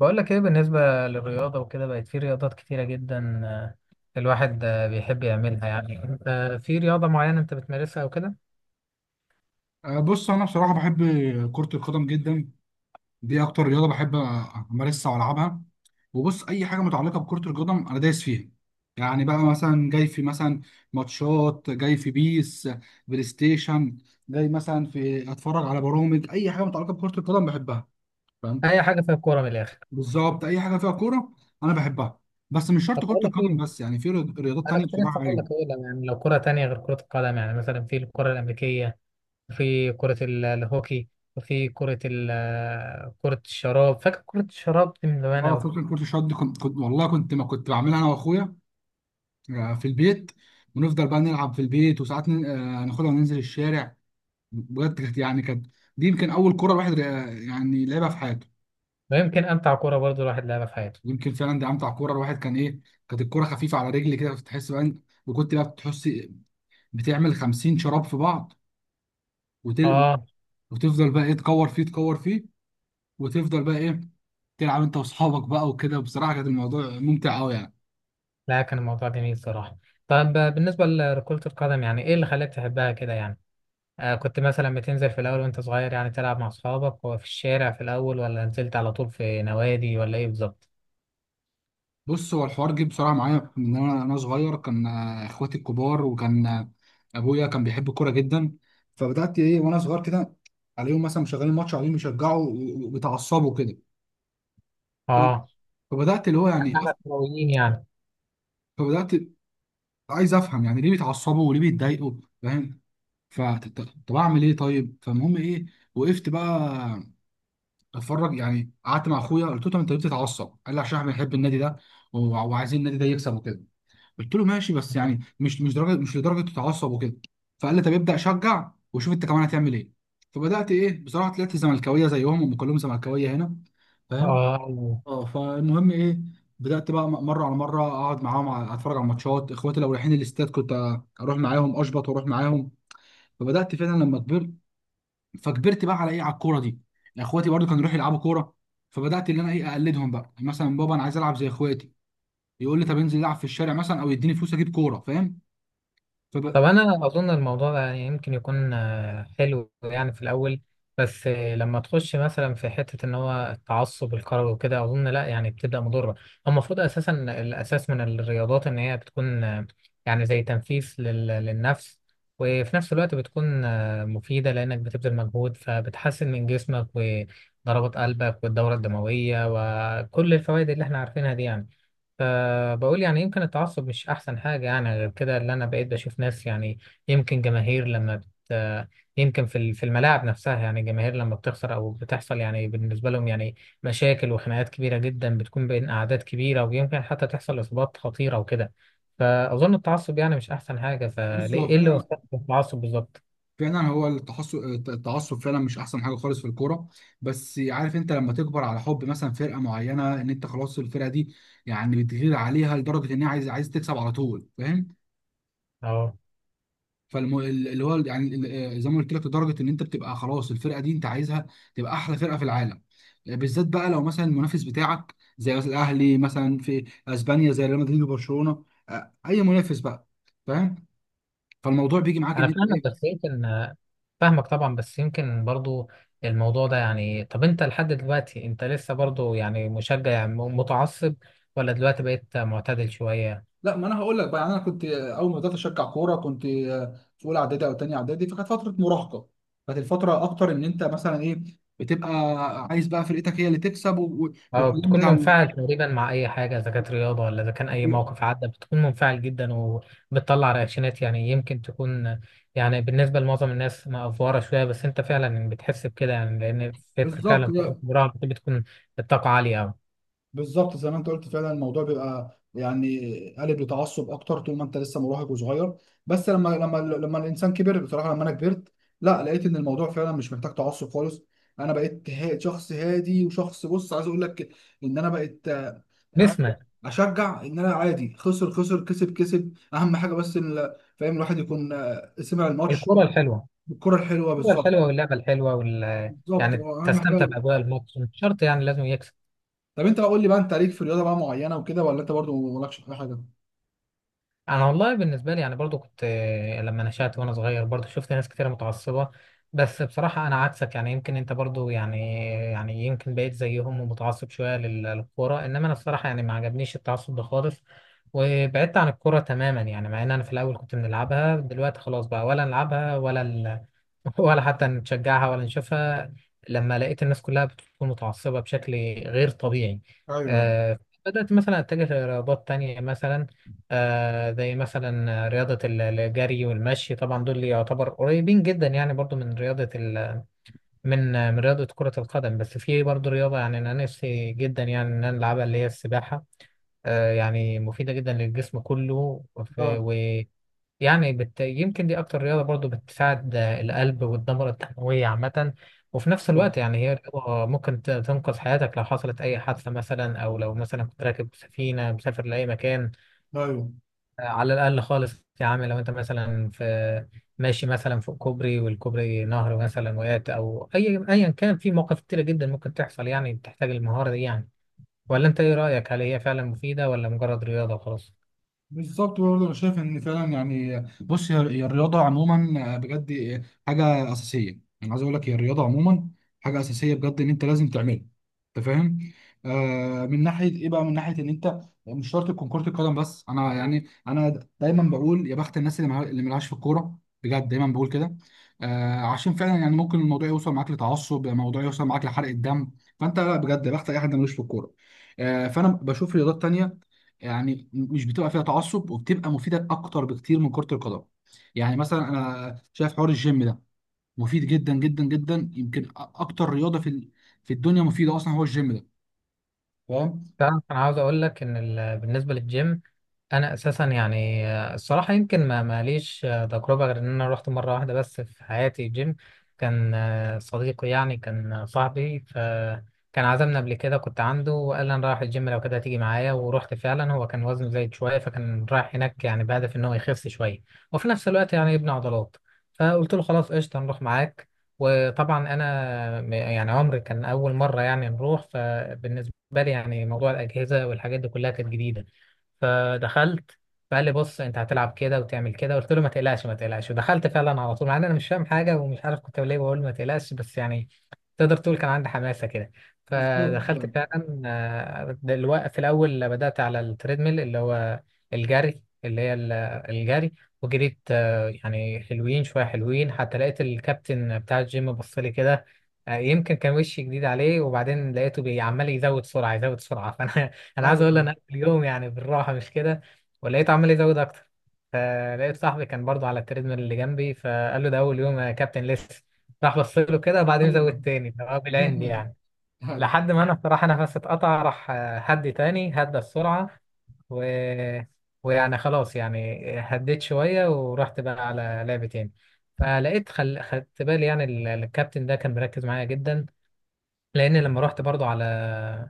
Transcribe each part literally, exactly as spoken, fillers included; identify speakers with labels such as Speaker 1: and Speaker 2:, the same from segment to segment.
Speaker 1: بقول لك ايه بالنسبة للرياضة وكده، بقت في رياضات كتيرة جدا، آه، الواحد آه، بيحب يعملها. يعني انت في رياضة معينة انت بتمارسها او كده؟
Speaker 2: آه، بص انا بصراحه بحب كره القدم جدا. دي اكتر رياضه بحب امارسها والعبها. وبص، اي حاجه متعلقه بكره القدم انا دايس فيها. يعني بقى مثلا جاي في مثلا ماتشات، جاي في بيس بلاي ستيشن، جاي مثلا في اتفرج على برامج. اي حاجه متعلقه بكره القدم بحبها، فاهم؟
Speaker 1: اي حاجة فيها كورة من الاخر.
Speaker 2: بالظبط، اي حاجه فيها كوره انا بحبها. بس مش
Speaker 1: طب
Speaker 2: شرط كره
Speaker 1: بقول لك
Speaker 2: القدم
Speaker 1: ايه،
Speaker 2: بس، يعني في رياض- رياضات
Speaker 1: انا
Speaker 2: تانية
Speaker 1: كنت لسه
Speaker 2: بصراحه.
Speaker 1: هقول لك
Speaker 2: ايوه.
Speaker 1: ايه. لو- يعني لو كرة تانية غير كرة القدم، يعني مثلا في الكرة الامريكية، وفي كرة ال- الهوكي، وفي كرة ال- آه، كرة الشراب. فاكر كرة الشراب دي من زمان
Speaker 2: اه
Speaker 1: قوي؟
Speaker 2: فكره كره الشط دي، كنت, كنت والله كنت ما كنت بعملها انا واخويا آه، في البيت. ونفضل بقى نلعب في البيت، وساعات ن- آه، ناخدها وننزل الشارع. بجد كانت، يعني كانت، دي يمكن اول كوره الواحد آه، يعني لعبها في حياته.
Speaker 1: ويمكن امتع كرة برضو الواحد لعبها في حياته.
Speaker 2: يمكن فعلا دي امتع كوره الواحد كان ايه. كانت الكوره خفيفه على رجلي كده، بتحس بقى إن- وكنت بقى بتحس بتعمل 50 شراب في بعض وتل...
Speaker 1: اه.
Speaker 2: وتفضل بقى ايه، تكور فيه تكور فيه، وتفضل بقى ايه تلعب انت واصحابك بقى وكده. بصراحه كان الموضوع ممتع قوي يعني.
Speaker 1: لا، كان الموضوع جميل صراحة. طب، آه، بالنسبة لكرة القدم يعني ايه اللي خلاك تحبها كده يعني؟ آه، كنت مثلا بتنزل في الأول وأنت صغير، يعني تلعب مع أصحابك وفي الشارع في الأول، ولا نزلت على طول في نوادي، ولا إيه بالظبط؟
Speaker 2: بص، هو الحوار جه بسرعه معايا. من انا انا صغير، كان آه، اخواتي الكبار، وكان آه، ابويا كان بيحب الكوره جدا. فبدات ايه، وانا صغير كده، عليهم مثلا مشغلين ماتش، عليهم يشجعوا و- و- وبيتعصبوا كده. ف-
Speaker 1: آه.
Speaker 2: فبدات اللي هو يعني أف-
Speaker 1: إحنا كرويين يعني.
Speaker 2: فبدات عايز افهم يعني ليه بيتعصبوا وليه بيتضايقوا، فاهم؟ فطب اعمل ايه؟ طيب. فالمهم ايه، وقفت بقى اتفرج. يعني قعدت مع اخويا قلت له: طب انت ليه بتتعصب؟ قال لي: عشان احنا بنحب النادي ده، وع- وعايزين النادي ده يكسب وكده. قلت له: ماشي، بس يعني مش مش درجه، مش لدرجه تتعصب وكده. فقال لي: طب ابدا شجع وشوف انت كمان هتعمل ايه. فبدات ايه، بصراحه طلعت زملكاويه زيهم، هم كلهم زملكاويه هنا، فاهم؟
Speaker 1: آه
Speaker 2: اه. فالمهم ايه، بدات بقى م- مره على مره اقعد معاهم، ع- اتفرج على ماتشات. اخواتي لو رايحين الاستاد، كنت أ- اروح معاهم، اشبط واروح معاهم. فبدات فعلا لما كبرت، فكبرت بقى على ايه، على الكوره دي. يعني اخواتي برضو كانوا يروحوا يلعبوا كوره، فبدات ان انا ايه، اقلدهم بقى. يعني مثلا بابا، انا عايز العب زي اخواتي. يقول لي: طب انزل العب في الشارع مثلا، او يديني فلوس اجيب كوره، فاهم؟
Speaker 1: طب انا اظن الموضوع ده يمكن يكون آه، حلو يعني في الاول. بس آه، لما تخش مثلا في حته ان هو التعصب الكروي وكده، اظن لا، يعني بتبدا مضره. هو المفروض اساسا الاساس من الرياضات ان هي بتكون، آه، يعني، زي تنفيس لل- للنفس. وفي نفس الوقت بتكون آه، مفيده لانك بتبذل مجهود فبتحسن من جسمك وضربات قلبك والدوره الدمويه، وكل الفوائد اللي احنا عارفينها دي يعني. فبقول يعني يمكن التعصب مش أحسن حاجة، يعني غير كده اللي أنا بقيت بشوف ناس، يعني يمكن جماهير لما بت يمكن في ال- في الملاعب نفسها، يعني الجماهير لما بتخسر أو بتحصل، يعني بالنسبة لهم يعني مشاكل وخناقات كبيرة جدا بتكون بين أعداد كبيرة، ويمكن حتى تحصل إصابات خطيرة وكده. فأظن التعصب يعني مش أحسن حاجة.
Speaker 2: بص،
Speaker 1: فليه،
Speaker 2: هو
Speaker 1: إيه اللي
Speaker 2: فعلا
Speaker 1: وصلك التعصب بالظبط؟
Speaker 2: فعلا هو التحصل، التعصب فعلا مش احسن حاجه خالص في الكوره. بس عارف، انت لما تكبر على حب مثلا فرقه معينه، ان انت خلاص الفرقه دي يعني بتغير عليها لدرجه ان هي عايز عايز تكسب على طول، فاهم؟ فالم... اللي هو يعني ال- آه، زي ما قلت لك، لدرجه ان انت بتبقى خلاص الفرقه دي انت عايزها تبقى احلى فرقه في العالم. بالذات بقى لو مثلا المنافس بتاعك، زي مثلا الاهلي، مثلا في اسبانيا زي ريال مدريد وبرشلونه، آه، اي منافس بقى، فاهم؟ فالموضوع بيجي معاك
Speaker 1: انا
Speaker 2: ان انت.
Speaker 1: فاهمك بس يمكن فاهمك طبعا، بس يمكن برضو الموضوع ده يعني. طب انت لحد دلوقتي انت لسه برضو يعني مشجع، يعني م- متعصب، ولا دلوقتي بقيت معتدل شوية؟
Speaker 2: لا، ما انا هقول لك بقى. يعني انا كنت اول ما بدات اشجع كوره، كنت في اولى اعدادي او تانية اعدادي، فكانت فتره مراهقه. كانت الفتره اكتر ان انت مثلا ايه، بتبقى عايز بقى فرقتك هي اللي تكسب، و- و-
Speaker 1: اه،
Speaker 2: والقيم
Speaker 1: بتكون
Speaker 2: بتاع ال-
Speaker 1: منفعل تقريبا مع اي حاجة، اذا كانت رياضة ولا اذا كان اي موقف عدى بتكون منفعل جدا، وبتطلع رياكشنات، يعني يمكن تكون يعني بالنسبة لمعظم الناس مأفورة شوية. بس انت فعلا بتحس بكده، يعني لان فت-
Speaker 2: بالظبط.
Speaker 1: فعلا فترة الجراحة بتكون الطاقة عالية اوي.
Speaker 2: بالظبط، زي ما انت قلت فعلا الموضوع بيبقى يعني قالب لتعصب اكتر طول ما انت لسه مراهق وصغير. بس لما لما لما الانسان كبر، بصراحه لما انا كبرت، لا، لقيت ان الموضوع فعلا مش محتاج تعصب خالص. انا بقيت ها- شخص هادي وشخص، بص عايز اقول لك ان انا بقيت يعني
Speaker 1: نسمة.
Speaker 2: اشجع ان انا عادي، خسر خسر كسب كسب، اهم حاجه بس ال- فاهم، الواحد يكون آه، سمع الماتش
Speaker 1: الكرة الحلوة.
Speaker 2: بالكره الحلوه.
Speaker 1: الكورة
Speaker 2: بالظبط.
Speaker 1: الحلوة واللعبة الحلوة وال
Speaker 2: بالظبط
Speaker 1: يعني
Speaker 2: هو اهم
Speaker 1: تستمتع
Speaker 2: حاجه.
Speaker 1: بأجواء الماتش، مش شرط يعني لازم يكسب.
Speaker 2: طب انت بقى قول لي بقى، انت ليك في رياضه بقى معينه وكده، ولا انت برضو مالكش في أي حاجه؟
Speaker 1: انا والله بالنسبه لي يعني برضو كنت، آه، لما نشأت وانا صغير برضو شفت ناس كتير متعصبه. بس بصراحه انا عكسك، يعني يمكن انت برضو يعني يعني يمكن بقيت زيهم ومتعصب شويه لل- للكوره. انما انا الصراحه يعني ما عجبنيش التعصب ده خالص، وبعدت عن الكوره تماما، يعني مع ان انا في الاول كنت بنلعبها. دلوقتي خلاص بقى، ولا نلعبها ولا ال... ولا حتى نشجعها ولا نشوفها، لما لقيت الناس كلها بتكون متعصبه بشكل غير طبيعي.
Speaker 2: ايوه.
Speaker 1: آه، بدأت مثلا أتجه لرياضات تانية، مثلا آه زي مثلا رياضة ال- الجري والمشي. طبعا دول اللي يعتبر قريبين جدا يعني برضو من رياضة ال من آه، من رياضة كرة القدم. بس في برضو رياضة يعني أنا نفسي جدا يعني إن أنا ألعبها، اللي هي السباحة. آه يعني مفيدة جدا للجسم كله، وف-
Speaker 2: اه.
Speaker 1: ويعني بت يمكن دي أكتر رياضة برضو بتساعد آه، القلب والدورة الدموية عامة. وفي نفس
Speaker 2: طب.
Speaker 1: الوقت يعني هي رياضة ممكن ت- تنقذ حياتك لو حصلت أي حادثة مثلا، أو لو مثلا كنت راكب سفينة مسافر لأي مكان.
Speaker 2: ايوه.
Speaker 1: على الأقل خالص يا عم، لو أنت مثلا في ماشي مثلا فوق كوبري والكوبري نهر مثلا وقعت، أو أي أيا كان، في مواقف كتيرة جدا ممكن تحصل يعني بتحتاج المهارة دي يعني. ولا أنت إيه رأيك؟ هل هي فعلا مفيدة، ولا مجرد رياضة وخلاص؟
Speaker 2: بالظبط. برضه انا شايف ان فعلا يعني، بص، هي هي الرياضه عموما بجد حاجه اساسيه. انا عايز اقول لك، هي الرياضه عموما حاجه اساسيه بجد ان انت لازم تعملها، انت فاهم؟ آه من ناحيه ايه بقى، من ناحيه ان انت مش شرط تكون كره القدم بس. انا يعني انا دايما بقول يا بخت الناس اللي مع- اللي ملهاش في الكوره، بجد دايما بقول كده. آه عشان فعلا يعني ممكن الموضوع يوصل معاك لتعصب، الموضوع يوصل معاك لحرق الدم. فانت لا، بجد يا بخت اي حد ملوش في الكوره. آه فانا بشوف رياضات تانيه يعني مش بتبقى فيها تعصب، وبتبقى مفيده اكتر بكتير من كره القدم. يعني مثلا انا شايف حوار الجيم ده مفيد جدا جدا جدا. يمكن أ- اكتر رياضه في ال- في الدنيا مفيده اصلا هو الجيم ده، فاهم؟
Speaker 1: تعرف، انا عاوز اقول لك ان ال- بالنسبه للجيم، انا اساسا يعني آه، الصراحه يمكن ما ماليش آه، تجربه غير ان انا رحت مره واحده بس في حياتي جيم. كان آه، صديقي يعني، كان آه، صاحبي، فكان عزمنا قبل كده. كنت عنده وقال لي انا رايح الجيم، لو كده تيجي معايا. ورحت فعلا. هو كان وزنه زايد شويه، فكان رايح هناك يعني بهدف ان هو يخس شويه، وفي نفس الوقت يعني يبني عضلات. فقلت له خلاص قشطه نروح معاك. وطبعا انا م- يعني عمري كان اول مره يعني نروح، فبالنسبه بالي يعني موضوع الأجهزة والحاجات دي كلها كانت جديدة. فدخلت. فقال لي بص أنت هتلعب كده وتعمل كده. قلت له ما تقلقش ما تقلقش، ودخلت فعلا على طول، مع إن أنا مش فاهم حاجة ومش عارف كنت ليه بقول ما تقلقش، بس يعني تقدر تقول كان عندي حماسة كده.
Speaker 2: بالظبط.
Speaker 1: فدخلت
Speaker 2: فاهم.
Speaker 1: فعلا. آه، دلوقتي في الأول بدأت على التريدميل اللي هو الجري، اللي هي ال- الجري. وجريت، آه، يعني حلوين شوية حلوين، حتى لقيت الكابتن بتاع الجيم بص لي كده. آه، يمكن كان وشي جديد عليه، وبعدين لقيته بي- عمال يزود سرعة يزود سرعة. فأنا أنا عايز
Speaker 2: ايوه.
Speaker 1: أقول له أنا قبل اليوم يعني بالراحة مش كده. ولقيته عمال يزود أكتر. فلقيت صاحبي كان برضه على التريدميل اللي جنبي، فقال له ده أول يوم يا كابتن لسه. راح بص له كده، وبعدين زود
Speaker 2: ايوه.
Speaker 1: تاني اللي هو بالعند يعني.
Speaker 2: ايوه.
Speaker 1: لحد ما انا بصراحه نفسي اتقطع، راح آه، هدي تاني هدى السرعه و... ويعني خلاص يعني هديت شويه، ورحت بقى على لعبه تاني. فلقيت خل... خدت بالي يعني ال- الكابتن ده كان مركز معايا جدا، لان لما رحت برضو على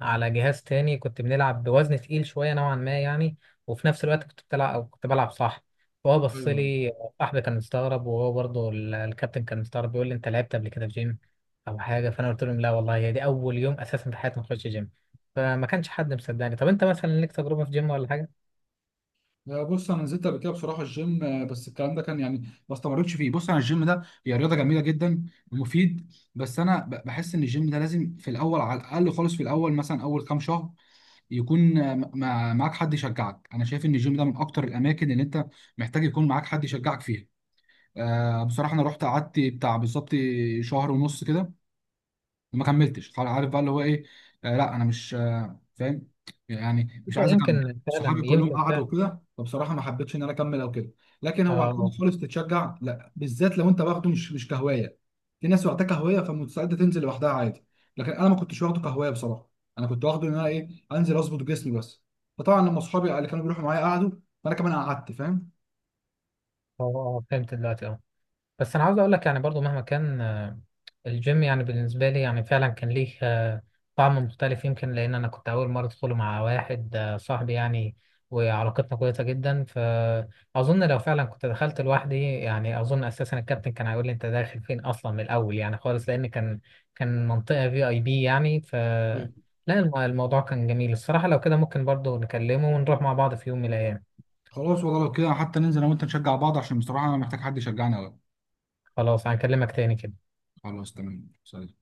Speaker 1: على جهاز تاني كنت بنلعب بوزن تقيل شويه نوعا ما يعني. وفي نفس الوقت كنت بتلعب او كنت بلعب صح. فهو بص
Speaker 2: ايوه.
Speaker 1: لي. صاحبي كان مستغرب، وهو برضو ال- الكابتن كان مستغرب، بيقول لي انت لعبت قبل كده في جيم او حاجه. فانا قلت لهم لا والله، هي دي اول يوم اساسا في حياتي ما اخش جيم. فما كانش حد مصدقني. طب انت مثلا ليك تجربه في جيم ولا حاجه؟
Speaker 2: آه، بص، انا نزلت قبل كده بصراحه الجيم، آه، بس الكلام ده كان يعني ما استمرتش فيه. بص، انا الجيم ده هي رياضه جميله جدا ومفيد، بس انا ب- بحس ان الجيم ده لازم في الاول، على الاقل خالص في الاول مثلا اول كام شهر، يكون آه، م- مع- معاك حد يشجعك. انا شايف ان الجيم ده من اكتر الاماكن اللي انت محتاج يكون معاك حد يشجعك فيها. آه، بصراحة انا رحت قعدت بتاع بالظبط شهر ونص كده، ما كملتش خلاص. عارف بقى اللي هو ايه؟ آه لا، انا مش آه فاهم، يعني
Speaker 1: انت
Speaker 2: مش عايز اكمل.
Speaker 1: يمكن فعلا
Speaker 2: صحابي كلهم
Speaker 1: يمكن
Speaker 2: قعدوا
Speaker 1: فعلا.
Speaker 2: كده، فبصراحه ما حبيتش ان انا اكمل او كده. لكن هو عشان
Speaker 1: اه.
Speaker 2: خالص تتشجع، لا، بالذات لو انت واخده مش مش كهوايه. في ناس واخداه كهوايه فمستعده تنزل لوحدها عادي، لكن انا ما كنتش واخده كهوايه بصراحه. انا كنت واخده ان انا ايه، انزل اظبط جسمي بس. فطبعا لما اصحابي اللي كانوا بيروحوا معايا قعدوا، فانا كمان قعدت، فاهم؟
Speaker 1: آه، آه، فهمت دلوقتي. اه. بس انا عاوز اقول لك يعني برضو مهما كان، آه، الجيم يعني بالنسبه لي يعني فعلا كان ليه آه، طعم مختلف، يمكن لان انا كنت اول مره ادخله مع واحد آه، صاحبي يعني، وعلاقتنا كويسه جدا. فاظن لو فعلا كنت دخلت لوحدي، يعني اظن اساسا الكابتن كان هيقول لي انت داخل فين اصلا من الاول يعني خالص، لان كان كان منطقه في اي بي يعني ف
Speaker 2: مم.
Speaker 1: لا، الم- الموضوع كان جميل الصراحه. لو كده ممكن برضو نكلمه ونروح مع بعض في يوم من الايام.
Speaker 2: خلاص والله لو كده حتى ننزل انا وانت نشجع بعض، عشان بصراحه انا محتاج حد يشجعني قوي.
Speaker 1: خلاص هنكلمك تاني كده.
Speaker 2: خلاص، تمام، سلام.